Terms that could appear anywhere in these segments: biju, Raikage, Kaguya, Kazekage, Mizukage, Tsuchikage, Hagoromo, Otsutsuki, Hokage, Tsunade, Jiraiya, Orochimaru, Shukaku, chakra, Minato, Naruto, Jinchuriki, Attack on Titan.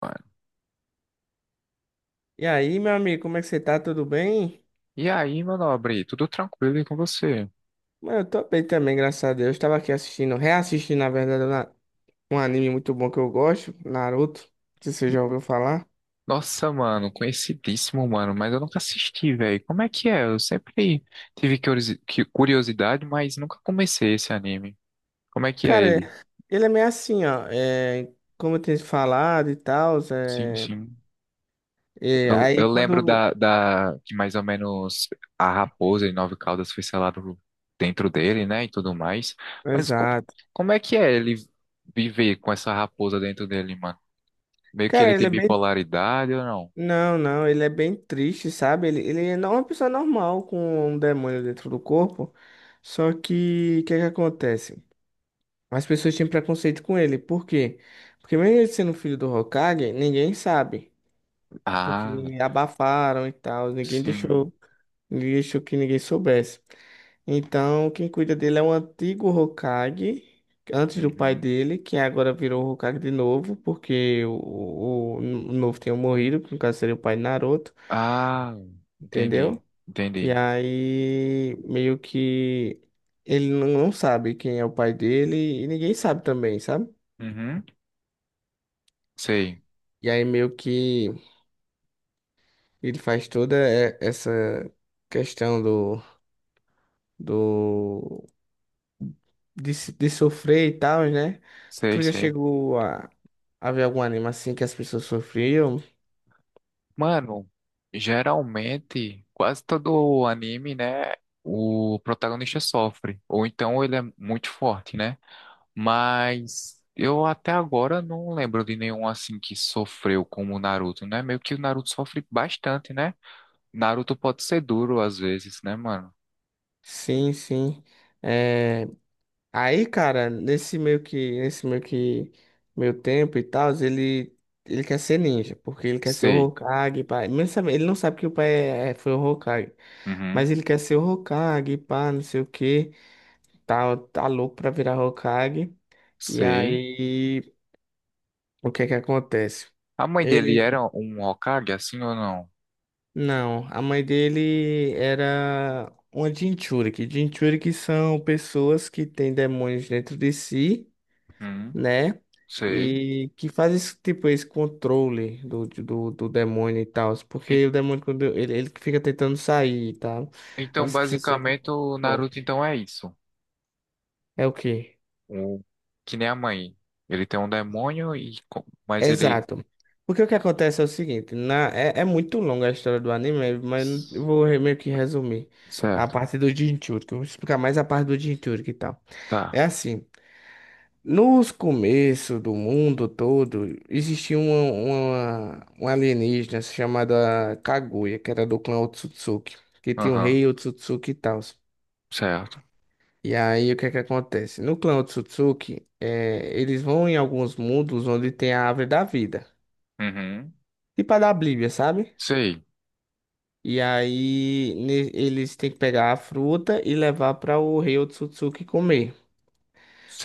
Mano. E aí, meu amigo, como é que você tá? Tudo bem? E aí, meu nobre, tudo tranquilo e com você? Mano, eu tô bem também, graças a Deus. Tava aqui assistindo, reassistindo, na verdade, um anime muito bom que eu gosto, Naruto. Não sei se você já ouviu falar. Nossa, mano, conhecidíssimo, mano, mas eu nunca assisti, velho. Como é que é? Eu sempre tive curiosidade, mas nunca comecei esse anime. Como é que é Cara, ele? Ele é meio assim, ó. É, como eu tenho falado e tal, Sim, é, sim. é, Eu, aí eu lembro quando. da que mais ou menos a raposa e nove caudas foi selado dentro dele, né, e tudo mais. Mas Exato. como é que é ele viver com essa raposa dentro dele, mano? Meio que Cara, ele ele tem é bem. bipolaridade ou não? Não, não, ele é bem triste, sabe? Ele é uma pessoa normal com um demônio dentro do corpo. Só que, o que que acontece? As pessoas tinham preconceito com ele. Por quê? Porque mesmo ele sendo filho do Hokage, ninguém sabe. Porque Ah. abafaram e tal, ninguém Sim. deixou, ninguém deixou que ninguém soubesse. Então, quem cuida dele é um antigo Hokage, antes do pai Uhum. dele, que agora virou Hokage de novo, porque o novo tinha morrido, que no caso seria o pai de Naruto, Ah, entendi. entendeu? E Entendi. aí, meio que ele não sabe quem é o pai dele e ninguém sabe também, sabe? Uhum. Sei, E aí meio que ele faz toda essa questão do de, se- de sofrer e tal, né? sei, Tu já sei. chegou a ver algum anime assim que as pessoas sofriam? Mano, geralmente, quase todo anime, né? O protagonista sofre. Ou então ele é muito forte, né? Mas eu até agora não lembro de nenhum assim que sofreu como o Naruto, né? Meio que o Naruto sofre bastante, né? Naruto pode ser duro às vezes, né, mano? Sim, sim. É, aí, cara, nesse meio que meu tempo e tal, ele quer ser ninja, porque ele quer ser o Sei. Hokage, pai. Ele não sabe que o pai foi o Hokage. Mas Uhum. ele quer ser o Hokage, pá, não sei o quê. Tá louco pra virar Hokage. E Sei. aí, o que é que acontece? A mãe dele Ele, era um Hokage, assim ou não? não, a mãe dele era uma Jinchuriki. Jinchuriki são pessoas que têm demônios dentro de si, Hum, né? sei. E que fazem esse, tipo esse controle do demônio e tal. E- Porque o demônio, quando ele fica tentando sair e tal. Aí então, você precisa ser muito basicamente, o Naruto forte. então é isso. É o quê? O, que nem a mãe. Ele tem um demônio e mas ele. Exato. Porque o que acontece é o seguinte, é muito longa a história do anime, mas eu vou meio que resumir a Certo. parte do Jinchuriki. Eu vou explicar mais a parte do Jinchuriki e tal. Tá. É assim, nos começos do mundo todo, existia uma alienígena chamada Kaguya, que era do clã Otsutsuki, que tinha o Aham. rei Otsutsuki e tal. Certo. E aí, o que é que acontece? No clã Otsutsuki, eles vão em alguns mundos onde tem a árvore da vida. Uhum. Tipo a da Bíblia, sabe? Sei. E aí eles têm que pegar a fruta e levar para o rei Otsutsuki comer.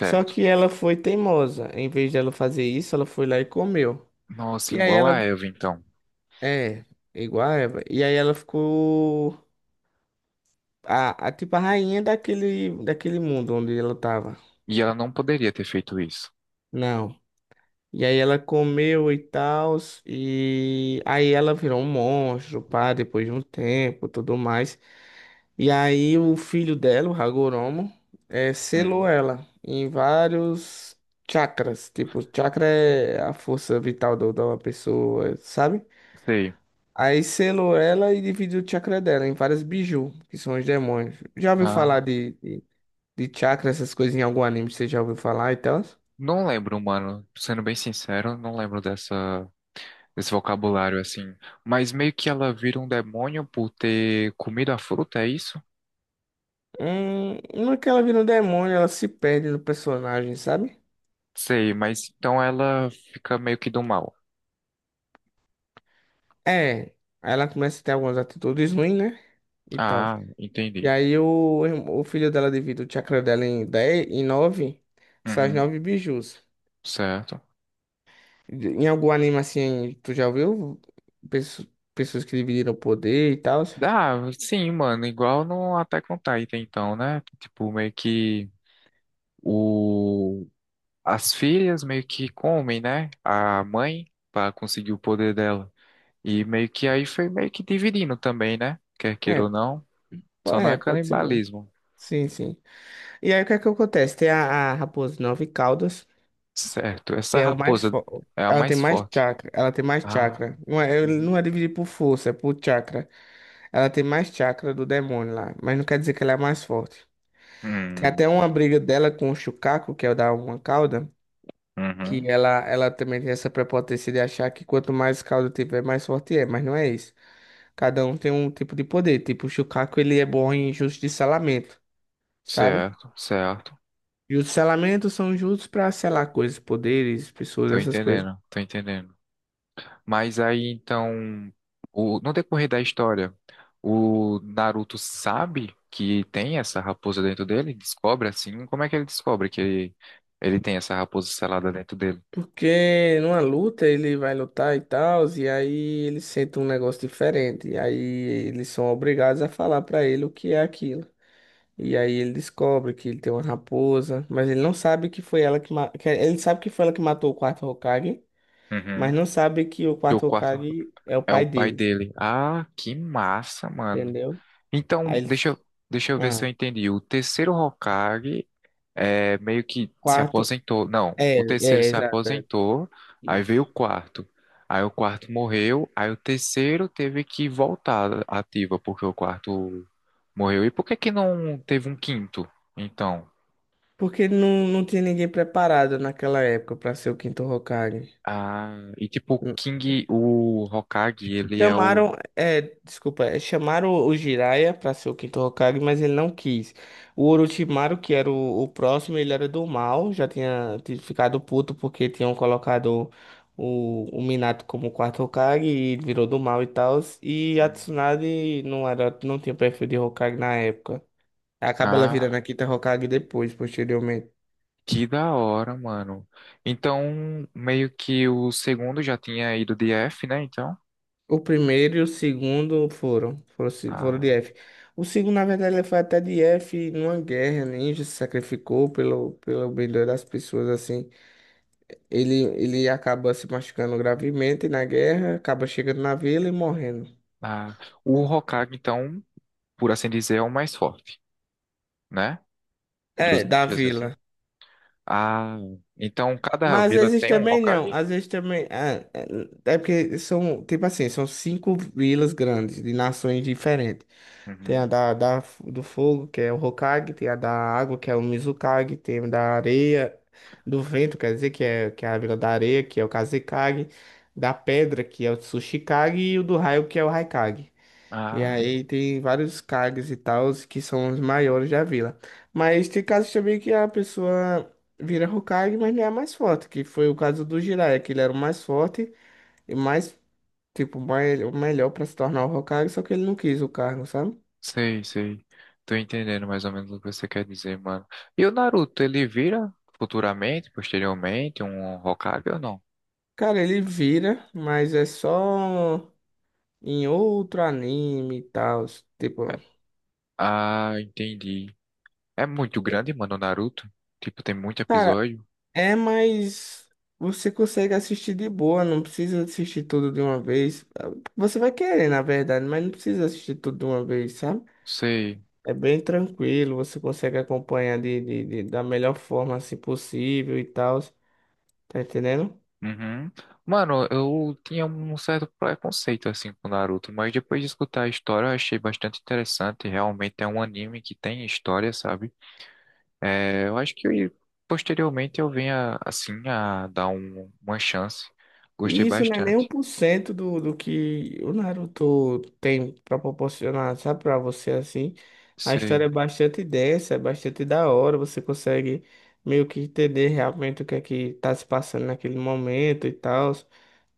Só que ela foi teimosa. Em vez dela fazer isso, ela foi lá e comeu. Nossa, E aí igual a ela Eva então. é igual a Eva. E aí ela ficou a tipo a rainha daquele mundo onde ela tava. E ela não poderia ter feito isso. Não. E aí ela comeu e tal, e aí ela virou um monstro, pá, depois de um tempo, tudo mais. E aí o filho dela, o Hagoromo, selou Hum. ela em vários chakras. Tipo, chakra é a força vital da uma pessoa, sabe? Sei. Aí selou ela e dividiu o chakra dela em várias biju, que são os demônios. Já ouviu Ah, falar de chakra, essas coisas em algum anime? Você já ouviu falar e tal? não lembro, mano. Sendo bem sincero, não lembro dessa esse vocabulário assim. Mas meio que ela vira um demônio por ter comido a fruta, é isso? No que ela vira um demônio, ela se perde no personagem, sabe? Sei, mas então ela fica meio que do mal. É, aí ela começa a ter algumas atitudes ruins, né? E tal. Ah, E entendi. aí o filho dela divide o chakra dela em 10 em 9 são as Uhum, 9 bijus. certo. Em algum anime assim, tu já viu pesso- pessoas que dividiram o poder e tal? Dá, sim, mano, igual no Attack on Titan, então, né? Tipo, meio que o... as filhas meio que comem, né? A mãe para conseguir o poder dela. E meio que aí foi meio que dividindo também, né? Quer queira É, ou não, só não é pode ser, né? canibalismo. Sim, sim. E aí o que é que acontece? Tem a raposa de nove caudas, Certo. que Essa é o mais raposa forte. é a Ela tem mais mais forte. chakra, ela tem mais Ah, chakra. Não é, ele uhum. não é dividir por força, é por chakra. Ela tem mais chakra do demônio lá, mas não quer dizer que ela é a mais forte. Tem até Hum, uma briga dela com o Shukaku, que é o da uma cauda, que uhum. ela também tem essa prepotência de achar que quanto mais caldo tiver, mais forte é, mas não é isso. Cada um tem um tipo de poder. Tipo, o Shukaku, ele é bom em justiçalamento, sabe? Certo, certo. E os selamentos são justos pra selar coisas, poderes, pessoas, Tô essas coisas. entendendo, tô entendendo. Mas aí então, no decorrer da história, o Naruto sabe que tem essa raposa dentro dele? Descobre assim? Como é que ele descobre que ele tem essa raposa selada dentro dele? Porque numa luta ele vai lutar e tal, e aí ele sente um negócio diferente. E aí eles são obrigados a falar pra ele o que é aquilo. E aí ele descobre que ele tem uma raposa, mas ele não sabe que foi ela que, ma- que- é, ele sabe que foi ela que matou o quarto Hokage, mas Uhum. não sabe que o Que o quarto quarto Hokage é o é o pai pai dele, dele. Ah, que massa, mano. entendeu? Então, Aí ele, deixa eu ver se eu ah, entendi. O terceiro Hokage, é, meio que se quarto, aposentou. Não, o é, terceiro se exato, aposentou, aí veio o isso. quarto. Aí o quarto morreu, aí o terceiro teve que voltar ativa, porque o quarto morreu. E por que que não teve um quinto? Então, Porque não, não tinha ninguém preparado naquela época para ser o quinto Hokage. ah, e tipo, o King, o Hokage, ele é o. Chamaram, desculpa, chamaram o Jiraiya para ser o quinto Hokage, mas ele não quis. O Orochimaru, que era o próximo, ele era do mal, já tinha ficado puto porque tinham colocado o Minato como quarto Hokage e ele virou do mal e tal. E a Tsunade não era, não tinha perfil de Hokage na época. Acaba ela virando Ah, a quinta Hokage depois, posteriormente. que da hora, mano. Então, meio que o segundo já tinha ido de F, né? Então, O primeiro e o segundo foram, foram, se- foram ah, de F. O segundo, na verdade, ele foi até de F numa guerra, ninja se sacrificou pelo bem das pessoas, assim. Ele acaba se machucando gravemente na guerra, acaba chegando na vila e morrendo. ah, o Hokage, então. Por assim dizer, é o mais forte, né? É, Dos da ninjas, assim. vila. Ah, então cada Mas vila às vezes tem um também não. Hokage? Às vezes também. É, porque são, tipo assim, são cinco vilas grandes, de nações diferentes. Tem a Uhum. do fogo, que é o Hokage, tem a da água, que é o Mizukage, tem a da areia, do vento, quer dizer, que é, a vila da areia, que é o Kazekage, da pedra, que é o Tsuchikage, e o do raio, que é o Raikage. E Ah, aí tem vários cargos e tals que são os maiores da vila. Mas tem casos também que a pessoa vira Hokage, mas não é a mais forte, que foi o caso do Jiraiya, que ele era o mais forte e mais, tipo, mais, o melhor para se tornar o Hokage, só que ele não quis o cargo, sabe? sei, sei. Tô entendendo mais ou menos o que você quer dizer, mano. E o Naruto, ele vira futuramente, posteriormente, um Hokage ou não? Cara, ele vira, mas é só em outro anime e tal. Tipo, É- Ah, entendi. É muito grande, mano, o Naruto. Tipo, tem muito cara, episódio. É, mas você consegue assistir de boa, não precisa assistir tudo de uma vez. Você vai querer, na verdade, mas não precisa assistir tudo de uma vez, sabe? Sei. É bem tranquilo, você consegue acompanhar da melhor forma assim possível e tal. Tá entendendo? Uhum. Mano, eu tinha um certo preconceito assim com Naruto, mas depois de escutar a história eu achei bastante interessante. Realmente é um anime que tem história, sabe? É, eu acho que posteriormente eu venha assim a dar uma chance. Gostei E isso não é nem um bastante. por cento do que o Naruto tem pra proporcionar, sabe, pra você assim. A Sei. história é bastante densa, é bastante da hora, você consegue meio que entender realmente o que é que tá se passando naquele momento e tal,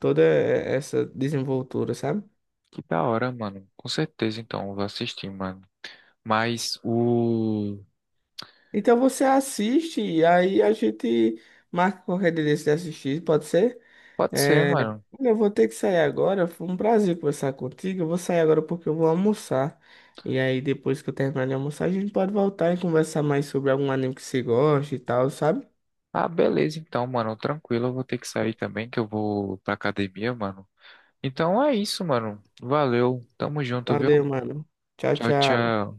toda essa desenvoltura, sabe? Que da hora, mano. Com certeza, então, eu vou assistir, mano. Mas o. Então você assiste e aí a gente marca qualquer dia desse de assistir, pode ser? Pode ser, É, mano. olha, eu vou ter que sair agora. Foi um prazer conversar contigo. Eu vou sair agora porque eu vou almoçar. E aí, depois que eu terminar de almoçar, a gente pode voltar e conversar mais sobre algum anime que você gosta e tal, sabe? Ah, beleza, então, mano. Tranquilo, eu vou ter que sair também, que eu vou pra academia, mano. Então é isso, mano. Valeu. Tamo junto, Valeu, viu? mano. Tchau, Tchau, tchau. tchau.